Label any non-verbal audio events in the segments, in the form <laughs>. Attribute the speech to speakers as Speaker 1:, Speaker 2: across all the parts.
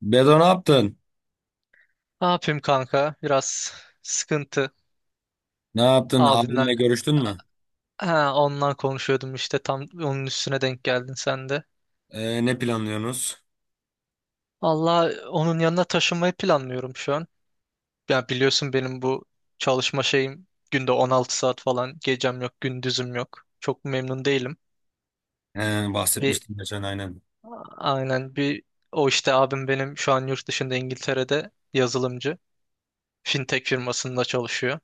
Speaker 1: Bedo ne yaptın?
Speaker 2: Ne yapayım kanka? Biraz sıkıntı.
Speaker 1: Ne yaptın?
Speaker 2: Abimler.
Speaker 1: Abinle görüştün mü?
Speaker 2: Ha, ondan konuşuyordum işte tam onun üstüne denk geldin sen de.
Speaker 1: Ne planlıyorsunuz?
Speaker 2: Allah onun yanına taşınmayı planlıyorum şu an. Ya biliyorsun benim bu çalışma şeyim günde 16 saat falan gecem yok gündüzüm yok. Çok memnun değilim. Bir
Speaker 1: Bahsetmiştin geçen aynen.
Speaker 2: aynen. O işte abim benim şu an yurt dışında İngiltere'de yazılımcı. Fintech firmasında çalışıyor.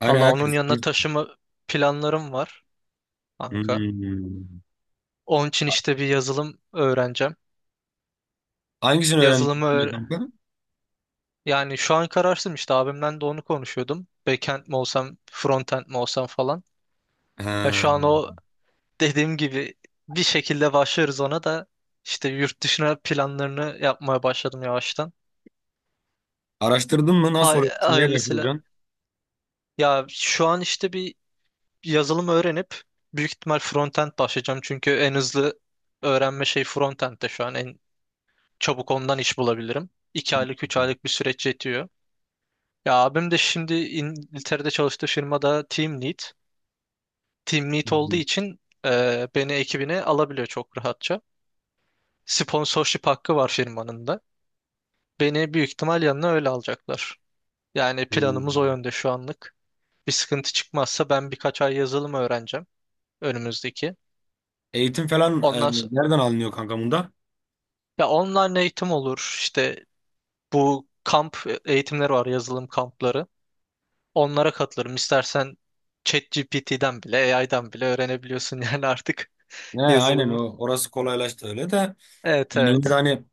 Speaker 1: Aynen
Speaker 2: Allah onun
Speaker 1: herkes.
Speaker 2: yanına taşıma planlarım var kanka.
Speaker 1: Hmm.
Speaker 2: Onun için işte bir yazılım öğreneceğim.
Speaker 1: Hangisini öğrendin
Speaker 2: Yazılımı öğ-
Speaker 1: kanka?
Speaker 2: Yani şu an kararsızım işte abimden de onu konuşuyordum. Backend mi olsam, frontend mi olsam falan. Ya
Speaker 1: Ha.
Speaker 2: şu an o dediğim gibi bir şekilde başlarız ona da işte yurt dışına planlarını yapmaya başladım yavaştan.
Speaker 1: Araştırdın mı? Nasıl
Speaker 2: Hay
Speaker 1: oluyor? Neye
Speaker 2: hayırlısıyla.
Speaker 1: başvuracaksın?
Speaker 2: Ya şu an işte bir yazılım öğrenip büyük ihtimal frontend başlayacağım. Çünkü en hızlı öğrenme şey frontend'de şu an en çabuk ondan iş bulabilirim. 2 aylık 3 aylık bir süreç yetiyor. Ya abim de şimdi İngiltere'de çalıştığı firmada team lead. Team lead olduğu
Speaker 1: Hmm.
Speaker 2: için beni ekibine alabiliyor çok rahatça. Sponsorship hakkı var firmanın da. Beni büyük ihtimal yanına öyle alacaklar. Yani planımız o yönde şu anlık. Bir sıkıntı çıkmazsa ben birkaç ay yazılım öğreneceğim önümüzdeki.
Speaker 1: Eğitim falan
Speaker 2: Ondan sonra,
Speaker 1: nereden alınıyor kanka bunda?
Speaker 2: ya online eğitim olur. İşte bu kamp eğitimleri var, yazılım kampları. Onlara katılırım. İstersen ChatGPT'den bile, AI'dan bile öğrenebiliyorsun <laughs> yani artık.
Speaker 1: He, aynen
Speaker 2: Yazılımı.
Speaker 1: o. Orası kolaylaştı öyle de.
Speaker 2: Evet,
Speaker 1: Yani yine de
Speaker 2: evet.
Speaker 1: hani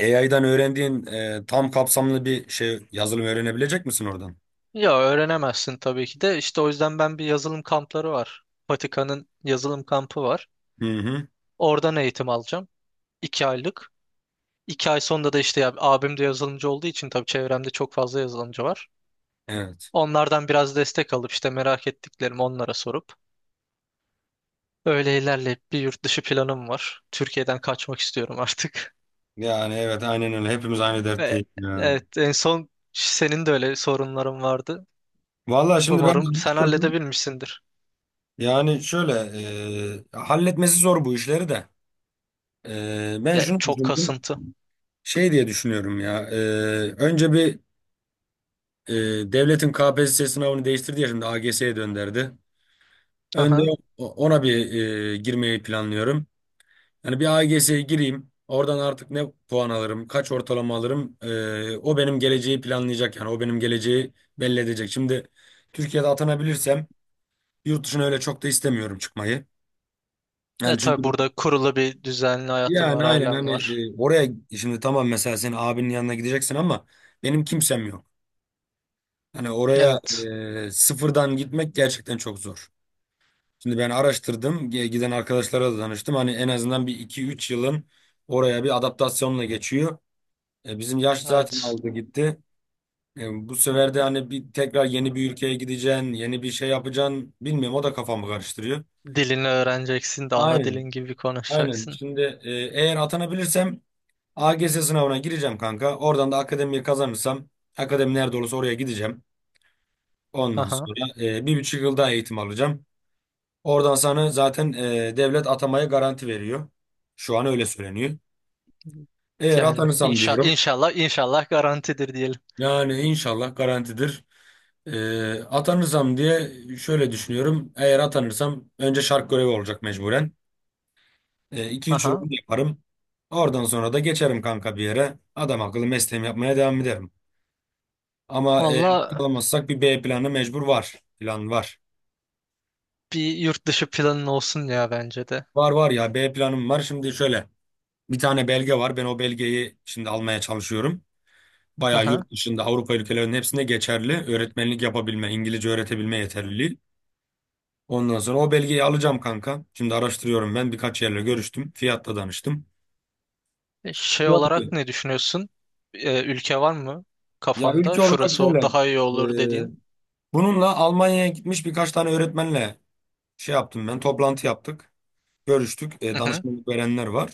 Speaker 1: AI'dan öğrendiğin tam kapsamlı bir şey yazılım öğrenebilecek misin oradan?
Speaker 2: Ya öğrenemezsin tabii ki de. İşte o yüzden ben bir yazılım kampları var. Vatikan'ın yazılım kampı var.
Speaker 1: Hı hı.
Speaker 2: Oradan eğitim alacağım. 2 aylık. 2 ay sonunda da işte ya, abim de yazılımcı olduğu için tabii çevremde çok fazla yazılımcı var.
Speaker 1: Evet.
Speaker 2: Onlardan biraz destek alıp işte merak ettiklerimi onlara sorup öyle ilerleyip bir yurt dışı planım var. Türkiye'den kaçmak istiyorum artık.
Speaker 1: Yani evet aynen öyle. Hepimiz aynı
Speaker 2: <laughs> Ve
Speaker 1: dertteyiz ya.
Speaker 2: evet en son senin de öyle sorunların vardı.
Speaker 1: Vallahi şimdi ben de
Speaker 2: Umarım sen
Speaker 1: araştırdım.
Speaker 2: halledebilmişsindir.
Speaker 1: Yani şöyle halletmesi zor bu işleri de. Ben
Speaker 2: De,
Speaker 1: şunu
Speaker 2: çok
Speaker 1: düşündüm.
Speaker 2: kasıntı.
Speaker 1: Şey diye düşünüyorum ya. Önce bir e, devletin KPSS sınavını değiştirdi ya şimdi AGS'ye dönderdi. Önde
Speaker 2: Aha.
Speaker 1: ona bir girmeyi planlıyorum. Yani bir AGS'ye gireyim. Oradan artık ne puan alırım, kaç ortalama alırım. O benim geleceği planlayacak yani. O benim geleceği belli edecek. Şimdi Türkiye'de atanabilirsem yurt dışına öyle çok da istemiyorum çıkmayı.
Speaker 2: E
Speaker 1: Yani çünkü
Speaker 2: tabii burada kurulu bir düzenli hayatım
Speaker 1: yani
Speaker 2: var,
Speaker 1: aynen
Speaker 2: ailem
Speaker 1: hani
Speaker 2: var.
Speaker 1: oraya şimdi tamam, mesela senin abinin yanına gideceksin, ama benim kimsem yok. Hani oraya
Speaker 2: Evet.
Speaker 1: sıfırdan gitmek gerçekten çok zor. Şimdi ben araştırdım, giden arkadaşlara da danıştım. Hani en azından bir iki üç yılın oraya bir adaptasyonla geçiyor. Bizim yaş zaten
Speaker 2: Evet.
Speaker 1: aldı gitti. Bu sefer de hani bir tekrar yeni bir ülkeye gideceksin, yeni bir şey yapacaksın. Bilmiyorum, o da kafamı karıştırıyor.
Speaker 2: Dilini öğreneceksin de ana
Speaker 1: Aynen.
Speaker 2: dilin gibi
Speaker 1: Aynen.
Speaker 2: konuşacaksın.
Speaker 1: Şimdi eğer atanabilirsem AGS sınavına gireceğim kanka. Oradan da akademiyi kazanırsam akademi nerede olursa oraya gideceğim. Ondan
Speaker 2: Aha.
Speaker 1: sonra 1,5 yıl daha eğitim alacağım. Oradan sana zaten devlet atamaya garanti veriyor. Şu an öyle söyleniyor. Eğer
Speaker 2: Yani
Speaker 1: atanırsam
Speaker 2: inşa
Speaker 1: diyorum.
Speaker 2: inşallah inşallah garantidir diyelim.
Speaker 1: Yani inşallah garantidir. Atanırsam diye şöyle düşünüyorum. Eğer atanırsam önce şark görevi olacak mecburen. 2 üç yıl
Speaker 2: Aha.
Speaker 1: onu yaparım. Oradan sonra da geçerim kanka bir yere. Adam akıllı mesleğimi yapmaya devam ederim. Ama not
Speaker 2: Valla
Speaker 1: alamazsak bir B planı mecbur var. Plan var.
Speaker 2: bir yurt dışı planın olsun ya bence de.
Speaker 1: Var var ya, B planım var. Şimdi şöyle, bir tane belge var. Ben o belgeyi şimdi almaya çalışıyorum. Bayağı
Speaker 2: Aha.
Speaker 1: yurt dışında Avrupa ülkelerinin hepsinde geçerli. Öğretmenlik yapabilme, İngilizce öğretebilme yeterliliği. Ondan sonra o belgeyi alacağım kanka. Şimdi araştırıyorum ben. Birkaç yerle görüştüm. Fiyatla danıştım.
Speaker 2: Şey
Speaker 1: Yok
Speaker 2: olarak
Speaker 1: ki.
Speaker 2: ne düşünüyorsun? Ülke var mı
Speaker 1: Ya
Speaker 2: kafanda?
Speaker 1: ülke olarak
Speaker 2: Şurası
Speaker 1: şöyle.
Speaker 2: daha iyi
Speaker 1: e,
Speaker 2: olur dediğin.
Speaker 1: Bununla Almanya'ya gitmiş birkaç tane öğretmenle şey yaptım ben. Toplantı yaptık. Görüştük.
Speaker 2: Hı hı.
Speaker 1: Danışmanlık verenler var.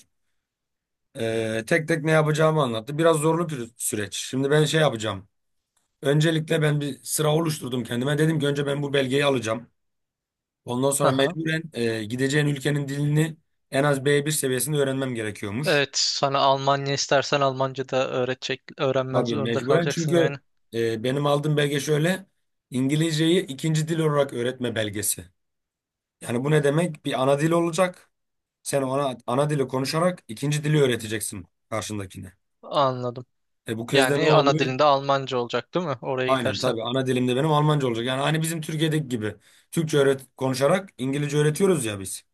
Speaker 1: Tek tek ne yapacağımı anlattı. Biraz zorlu bir süreç. Şimdi ben şey yapacağım. Öncelikle ben bir sıra oluşturdum kendime. Dedim ki önce ben bu belgeyi alacağım. Ondan sonra
Speaker 2: Aha.
Speaker 1: mecburen gideceğin ülkenin dilini en az B1 seviyesinde öğrenmem gerekiyormuş.
Speaker 2: Evet, sana Almanya istersen Almanca da öğretecek, öğrenmen
Speaker 1: Tabii
Speaker 2: zorunda
Speaker 1: mecburen,
Speaker 2: kalacaksın yani.
Speaker 1: çünkü benim aldığım belge şöyle. İngilizceyi ikinci dil olarak öğretme belgesi. Yani bu ne demek? Bir ana dil olacak. Sen ona ana dili konuşarak ikinci dili öğreteceksin karşındakine.
Speaker 2: Anladım.
Speaker 1: E, bu kez de ne
Speaker 2: Yani ana
Speaker 1: oluyor?
Speaker 2: dilinde Almanca olacak, değil mi? Oraya
Speaker 1: Aynen,
Speaker 2: gidersen.
Speaker 1: tabii ana dilimde benim Almanca olacak. Yani hani bizim Türkiye'deki gibi Türkçe öğret konuşarak İngilizce öğretiyoruz ya biz.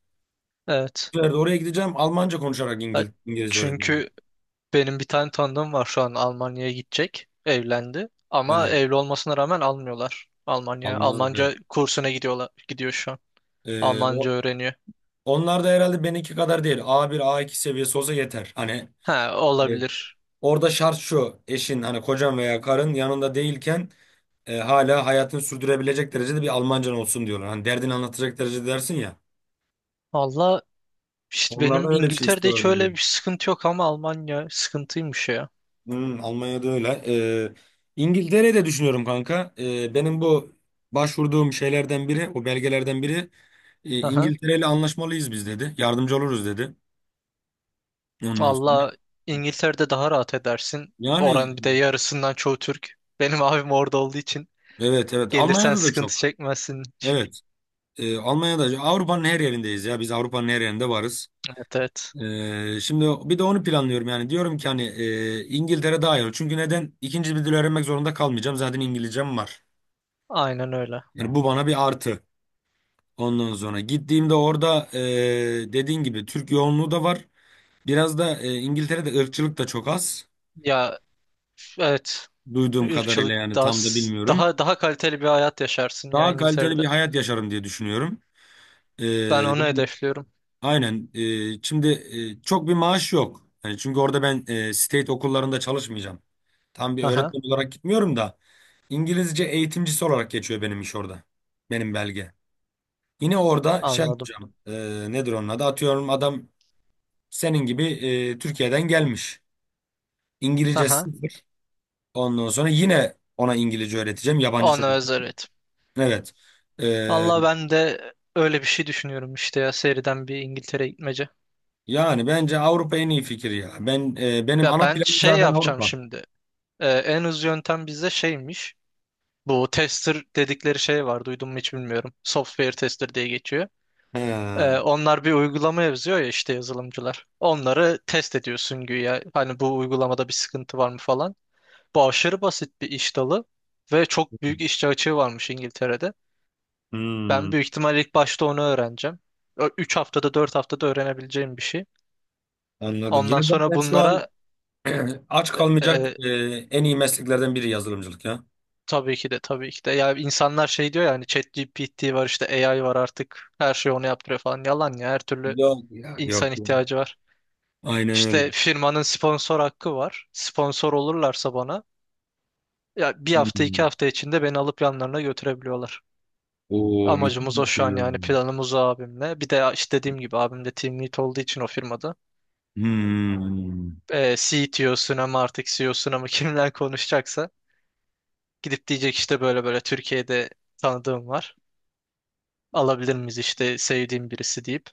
Speaker 2: Evet.
Speaker 1: Bir yerde oraya gideceğim, Almanca konuşarak
Speaker 2: Ya,
Speaker 1: İngilizce öğreteceğim.
Speaker 2: çünkü benim bir tane tanıdığım var şu an Almanya'ya gidecek. Evlendi. Ama
Speaker 1: Evet.
Speaker 2: evli olmasına rağmen almıyorlar Almanya'ya.
Speaker 1: Almaz da, evet.
Speaker 2: Almanca kursuna gidiyorlar, gidiyor şu an.
Speaker 1: Ee,
Speaker 2: Almanca
Speaker 1: o,
Speaker 2: öğreniyor.
Speaker 1: onlar da herhalde benimki kadar değil. A bir A iki seviyesi olsa yeter. Hani
Speaker 2: Ha,
Speaker 1: e,
Speaker 2: olabilir.
Speaker 1: orada şart şu, eşin, hani kocan veya karın yanında değilken hala hayatını sürdürebilecek derecede bir Almancan olsun diyorlar. Hani derdini anlatacak derecede dersin ya.
Speaker 2: Valla işte benim
Speaker 1: Onlardan öyle bir şey
Speaker 2: İngiltere'de
Speaker 1: istiyorlar
Speaker 2: hiç
Speaker 1: diye.
Speaker 2: öyle bir sıkıntı yok ama Almanya sıkıntıymış ya.
Speaker 1: Hmm, Almanya'da öyle. İngiltere'de düşünüyorum kanka. Benim bu başvurduğum şeylerden biri, o belgelerden biri,
Speaker 2: Aha.
Speaker 1: İngiltere ile anlaşmalıyız biz dedi. Yardımcı oluruz dedi. Ondan sonra.
Speaker 2: Valla İngiltere'de daha rahat edersin.
Speaker 1: Yani
Speaker 2: Oranın bir de yarısından çoğu Türk. Benim abim orada olduğu için.
Speaker 1: evet evet,
Speaker 2: Gelirsen
Speaker 1: Almanya'da da
Speaker 2: sıkıntı
Speaker 1: çok.
Speaker 2: çekmezsin hiç.
Speaker 1: Evet. Almanya'da Avrupa'nın her yerindeyiz ya. Biz Avrupa'nın her yerinde varız.
Speaker 2: Evet, evet.
Speaker 1: Şimdi bir de onu planlıyorum yani. Diyorum ki hani İngiltere daha iyi olur. Çünkü neden? İkinci bir dil öğrenmek zorunda kalmayacağım. Zaten İngilizcem var.
Speaker 2: Aynen öyle.
Speaker 1: Yani bu bana bir artı. Ondan sonra gittiğimde orada dediğin gibi Türk yoğunluğu da var. Biraz da İngiltere'de ırkçılık da çok az.
Speaker 2: Ya, evet.
Speaker 1: Duyduğum kadarıyla,
Speaker 2: Irkçılık
Speaker 1: yani
Speaker 2: daha
Speaker 1: tam da bilmiyorum.
Speaker 2: daha daha kaliteli bir hayat yaşarsın ya
Speaker 1: Daha kaliteli bir
Speaker 2: İngiltere'de.
Speaker 1: hayat yaşarım diye düşünüyorum. E,
Speaker 2: Ben onu
Speaker 1: yani
Speaker 2: hedefliyorum.
Speaker 1: aynen. Şimdi çok bir maaş yok. Yani çünkü orada ben state okullarında çalışmayacağım. Tam bir
Speaker 2: Haha,
Speaker 1: öğretmen olarak gitmiyorum da, İngilizce eğitimcisi olarak geçiyor benim iş orada. Benim belge. Yine orada şey
Speaker 2: anladım.
Speaker 1: yapacağım. Nedir onun adı? Atıyorum, adam senin gibi Türkiye'den gelmiş. İngilizce
Speaker 2: Haha,
Speaker 1: sıfır. Ondan sonra yine ona İngilizce öğreteceğim. Yabancı
Speaker 2: ona
Speaker 1: çocuk.
Speaker 2: özel, evet.
Speaker 1: Evet. E,
Speaker 2: Valla ben de öyle bir şey düşünüyorum işte ya seriden bir İngiltere gitmece.
Speaker 1: yani bence Avrupa en iyi fikir ya. Ben benim
Speaker 2: Ya
Speaker 1: ana
Speaker 2: ben
Speaker 1: planım
Speaker 2: şey
Speaker 1: zaten
Speaker 2: yapacağım
Speaker 1: Avrupa.
Speaker 2: şimdi. En hızlı yöntem bizde şeymiş. Bu tester dedikleri şey var duydun mu hiç bilmiyorum. Software tester diye geçiyor.
Speaker 1: He,
Speaker 2: Onlar bir uygulama yazıyor ya işte yazılımcılar. Onları test ediyorsun güya. Hani bu uygulamada bir sıkıntı var mı falan. Bu aşırı basit bir iş dalı ve çok büyük işçi açığı varmış İngiltere'de.
Speaker 1: hmm,
Speaker 2: Ben büyük ihtimalle ilk başta onu öğreneceğim. 3 haftada 4 haftada öğrenebileceğim bir şey.
Speaker 1: anladım. Ya
Speaker 2: Ondan sonra
Speaker 1: zaten şu an
Speaker 2: bunlara
Speaker 1: <clears throat> aç
Speaker 2: e,
Speaker 1: kalmayacak
Speaker 2: e,
Speaker 1: en iyi mesleklerden biri yazılımcılık ya.
Speaker 2: tabii ki de tabii ki de. Ya insanlar şey diyor ya hani ChatGPT var işte AI var artık her şeyi onu yaptırıyor falan. Yalan ya, her türlü
Speaker 1: Yok ya. Yok
Speaker 2: insan
Speaker 1: ya.
Speaker 2: ihtiyacı var.
Speaker 1: Aynen öyle.
Speaker 2: İşte firmanın sponsor hakkı var. Sponsor olurlarsa bana ya bir hafta 2
Speaker 1: Hmm.
Speaker 2: hafta içinde beni alıp yanlarına götürebiliyorlar.
Speaker 1: Oo, müthiş
Speaker 2: Amacımız o
Speaker 1: bir
Speaker 2: şu
Speaker 1: şey.
Speaker 2: an, yani planımız o abimle. Bir de işte dediğim gibi abim de team lead olduğu için o firmada.
Speaker 1: Hmm.
Speaker 2: CTO'suna mı artık CEO'suna mı <laughs> kimden konuşacaksa gidip diyecek işte böyle böyle Türkiye'de tanıdığım var. Alabilir miyiz işte sevdiğim birisi deyip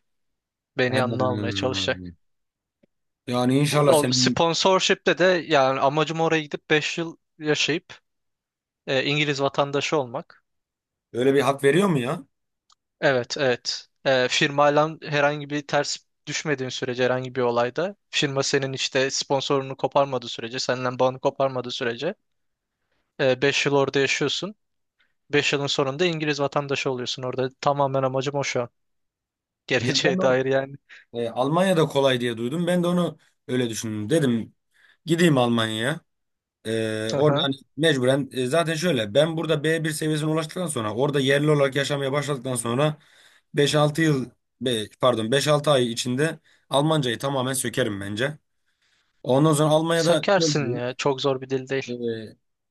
Speaker 2: beni yanına almaya
Speaker 1: He.
Speaker 2: çalışacak.
Speaker 1: Yani inşallah
Speaker 2: O
Speaker 1: senin.
Speaker 2: sponsorship'te de, yani amacım oraya gidip 5 yıl yaşayıp İngiliz vatandaşı olmak.
Speaker 1: Öyle bir hak veriyor mu ya?
Speaker 2: Evet, evet. Firmayla herhangi bir ters düşmediğin sürece, herhangi bir olayda firma senin işte sponsorunu koparmadığı sürece, senden bağını koparmadığı sürece 5 yıl orada yaşıyorsun. 5 yılın sonunda İngiliz vatandaşı oluyorsun orada. Tamamen amacım o şu an. <laughs>
Speaker 1: Ya ben
Speaker 2: Geleceğe
Speaker 1: o,
Speaker 2: dair yani.
Speaker 1: Almanya'da kolay diye duydum. Ben de onu öyle düşündüm. Dedim gideyim Almanya'ya. Orada
Speaker 2: Aha.
Speaker 1: hani mecburen zaten şöyle, ben burada B1 seviyesine ulaştıktan sonra orada yerli olarak yaşamaya başladıktan sonra beş altı yıl, pardon beş altı ay içinde Almancayı tamamen sökerim bence. Ondan sonra Almanya'da şöyle
Speaker 2: Sökersin
Speaker 1: diyeyim,
Speaker 2: ya. Çok zor bir dil değil.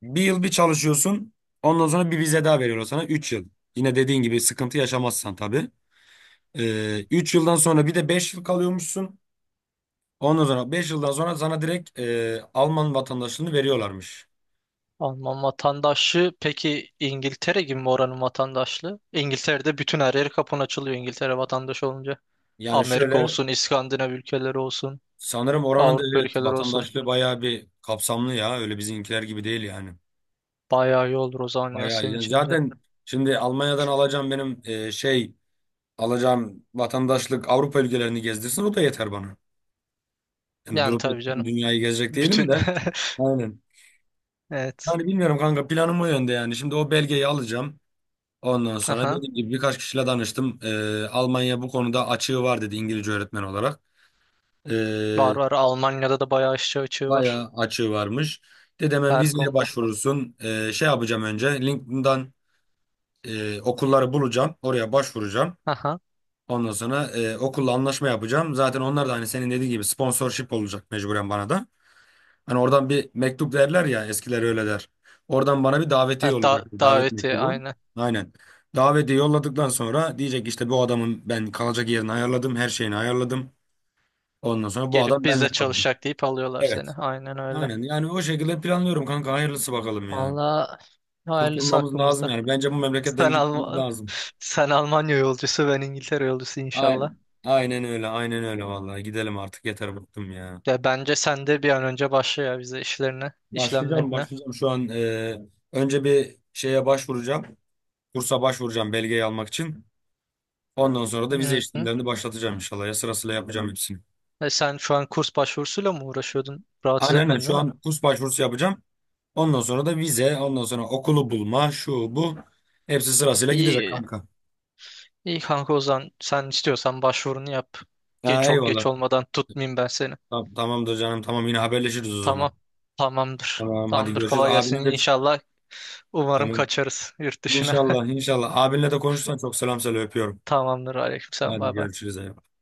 Speaker 1: bir yıl bir çalışıyorsun. Ondan sonra bir vize daha veriyorlar sana 3 yıl. Yine dediğin gibi sıkıntı yaşamazsan tabii. 3 yıldan sonra bir de 5 yıl kalıyormuşsun. Ondan sonra 5 yıldan sonra sana direkt Alman vatandaşlığını veriyorlarmış.
Speaker 2: Alman vatandaşlığı peki İngiltere gibi mi oranın vatandaşlığı? İngiltere'de bütün her yeri kapın açılıyor İngiltere vatandaşı olunca.
Speaker 1: Yani
Speaker 2: Amerika
Speaker 1: şöyle,
Speaker 2: olsun, İskandinav ülkeleri olsun.
Speaker 1: sanırım oranın da
Speaker 2: Avrupa
Speaker 1: evet
Speaker 2: ülkeleri olsun.
Speaker 1: vatandaşlığı bayağı bir kapsamlı ya. Öyle bizimkiler gibi değil yani.
Speaker 2: Bayağı iyi olur o zaman ya
Speaker 1: Bayağı
Speaker 2: senin
Speaker 1: iyi.
Speaker 2: için de.
Speaker 1: Zaten şimdi Almanya'dan alacağım benim şey, alacağım vatandaşlık Avrupa ülkelerini gezdirsin, o da yeter bana. Yani
Speaker 2: Yani
Speaker 1: durup da
Speaker 2: tabii
Speaker 1: tüm
Speaker 2: canım.
Speaker 1: dünyayı gezecek değilim
Speaker 2: Bütün.
Speaker 1: de.
Speaker 2: <laughs>
Speaker 1: Aynen.
Speaker 2: Evet.
Speaker 1: Yani bilmiyorum kanka, planım o yönde yani. Şimdi o belgeyi alacağım. Ondan sonra
Speaker 2: Aha.
Speaker 1: dediğim gibi birkaç kişiyle danıştım. Almanya bu konuda açığı var dedi, İngilizce öğretmen olarak. Ee,
Speaker 2: Var, var. Almanya'da da bayağı aşçı açığı var.
Speaker 1: bayağı açığı varmış. Dedi hemen
Speaker 2: Her
Speaker 1: vizeye
Speaker 2: konuda.
Speaker 1: başvurursun. Şey yapacağım, önce LinkedIn'dan okulları bulacağım. Oraya başvuracağım.
Speaker 2: Aha.
Speaker 1: Ondan sonra okulla anlaşma yapacağım. Zaten onlar da hani senin dediğin gibi sponsorship olacak mecburen bana da. Hani oradan bir mektup derler ya, eskiler öyle der. Oradan bana bir
Speaker 2: Ha,
Speaker 1: davetiye
Speaker 2: da
Speaker 1: olacak, bir davet
Speaker 2: daveti
Speaker 1: mektubu.
Speaker 2: aynen.
Speaker 1: Aynen. Davetiye yolladıktan sonra diyecek işte, bu adamın ben kalacak yerini ayarladım. Her şeyini ayarladım. Ondan sonra bu
Speaker 2: Gelip
Speaker 1: adam
Speaker 2: biz
Speaker 1: benimle
Speaker 2: de
Speaker 1: kaldı.
Speaker 2: çalışacak deyip alıyorlar seni.
Speaker 1: Evet.
Speaker 2: Aynen öyle.
Speaker 1: Aynen, yani o şekilde planlıyorum kanka, hayırlısı bakalım ya.
Speaker 2: Valla hayırlısı
Speaker 1: Kurtulmamız lazım
Speaker 2: hakkımızda.
Speaker 1: yani. Bence bu
Speaker 2: Sen
Speaker 1: memleketten gitmemiz
Speaker 2: Alman
Speaker 1: lazım.
Speaker 2: <laughs> Sen Almanya yolcusu ben İngiltere yolcusu inşallah.
Speaker 1: Aynen. Aynen öyle, aynen öyle vallahi, gidelim artık, yeter bıktım ya.
Speaker 2: Ya bence sen de bir an önce başla ya bize işlerine,
Speaker 1: Başlayacağım,
Speaker 2: işlemlerine.
Speaker 1: başlayacağım şu an önce bir şeye başvuracağım. Kursa başvuracağım, belgeyi almak için. Ondan sonra da vize
Speaker 2: Hı hı.
Speaker 1: işlemlerini başlatacağım inşallah. Ya sırasıyla yapacağım hepsini.
Speaker 2: E sen şu an kurs başvurusuyla mı uğraşıyordun?
Speaker 1: Aynen,
Speaker 2: Rahatsız
Speaker 1: aynen,
Speaker 2: etmedin,
Speaker 1: şu
Speaker 2: değil mi?
Speaker 1: an kurs başvurusu yapacağım. Ondan sonra da vize, ondan sonra okulu bulma, şu bu. Hepsi sırasıyla gidecek
Speaker 2: İyi,
Speaker 1: kanka.
Speaker 2: iyi kanka o zaman sen istiyorsan başvurunu yap. Ge
Speaker 1: Ha,
Speaker 2: çok geç
Speaker 1: eyvallah.
Speaker 2: olmadan tutmayayım ben seni.
Speaker 1: Tamam, tamamdır canım, tamam, yine haberleşiriz o zaman.
Speaker 2: Tamam, tamamdır.
Speaker 1: Tamam, hadi
Speaker 2: Tamamdır,
Speaker 1: görüşürüz.
Speaker 2: kolay gelsin.
Speaker 1: Abine de
Speaker 2: İnşallah umarım
Speaker 1: tamam.
Speaker 2: kaçarız yurt dışına.
Speaker 1: İnşallah, inşallah. Abinle de konuşsan çok selam söyle, öpüyorum.
Speaker 2: <laughs> Tamamdır, aleykümselam,
Speaker 1: Hadi
Speaker 2: bay bay.
Speaker 1: görüşürüz, eyvallah.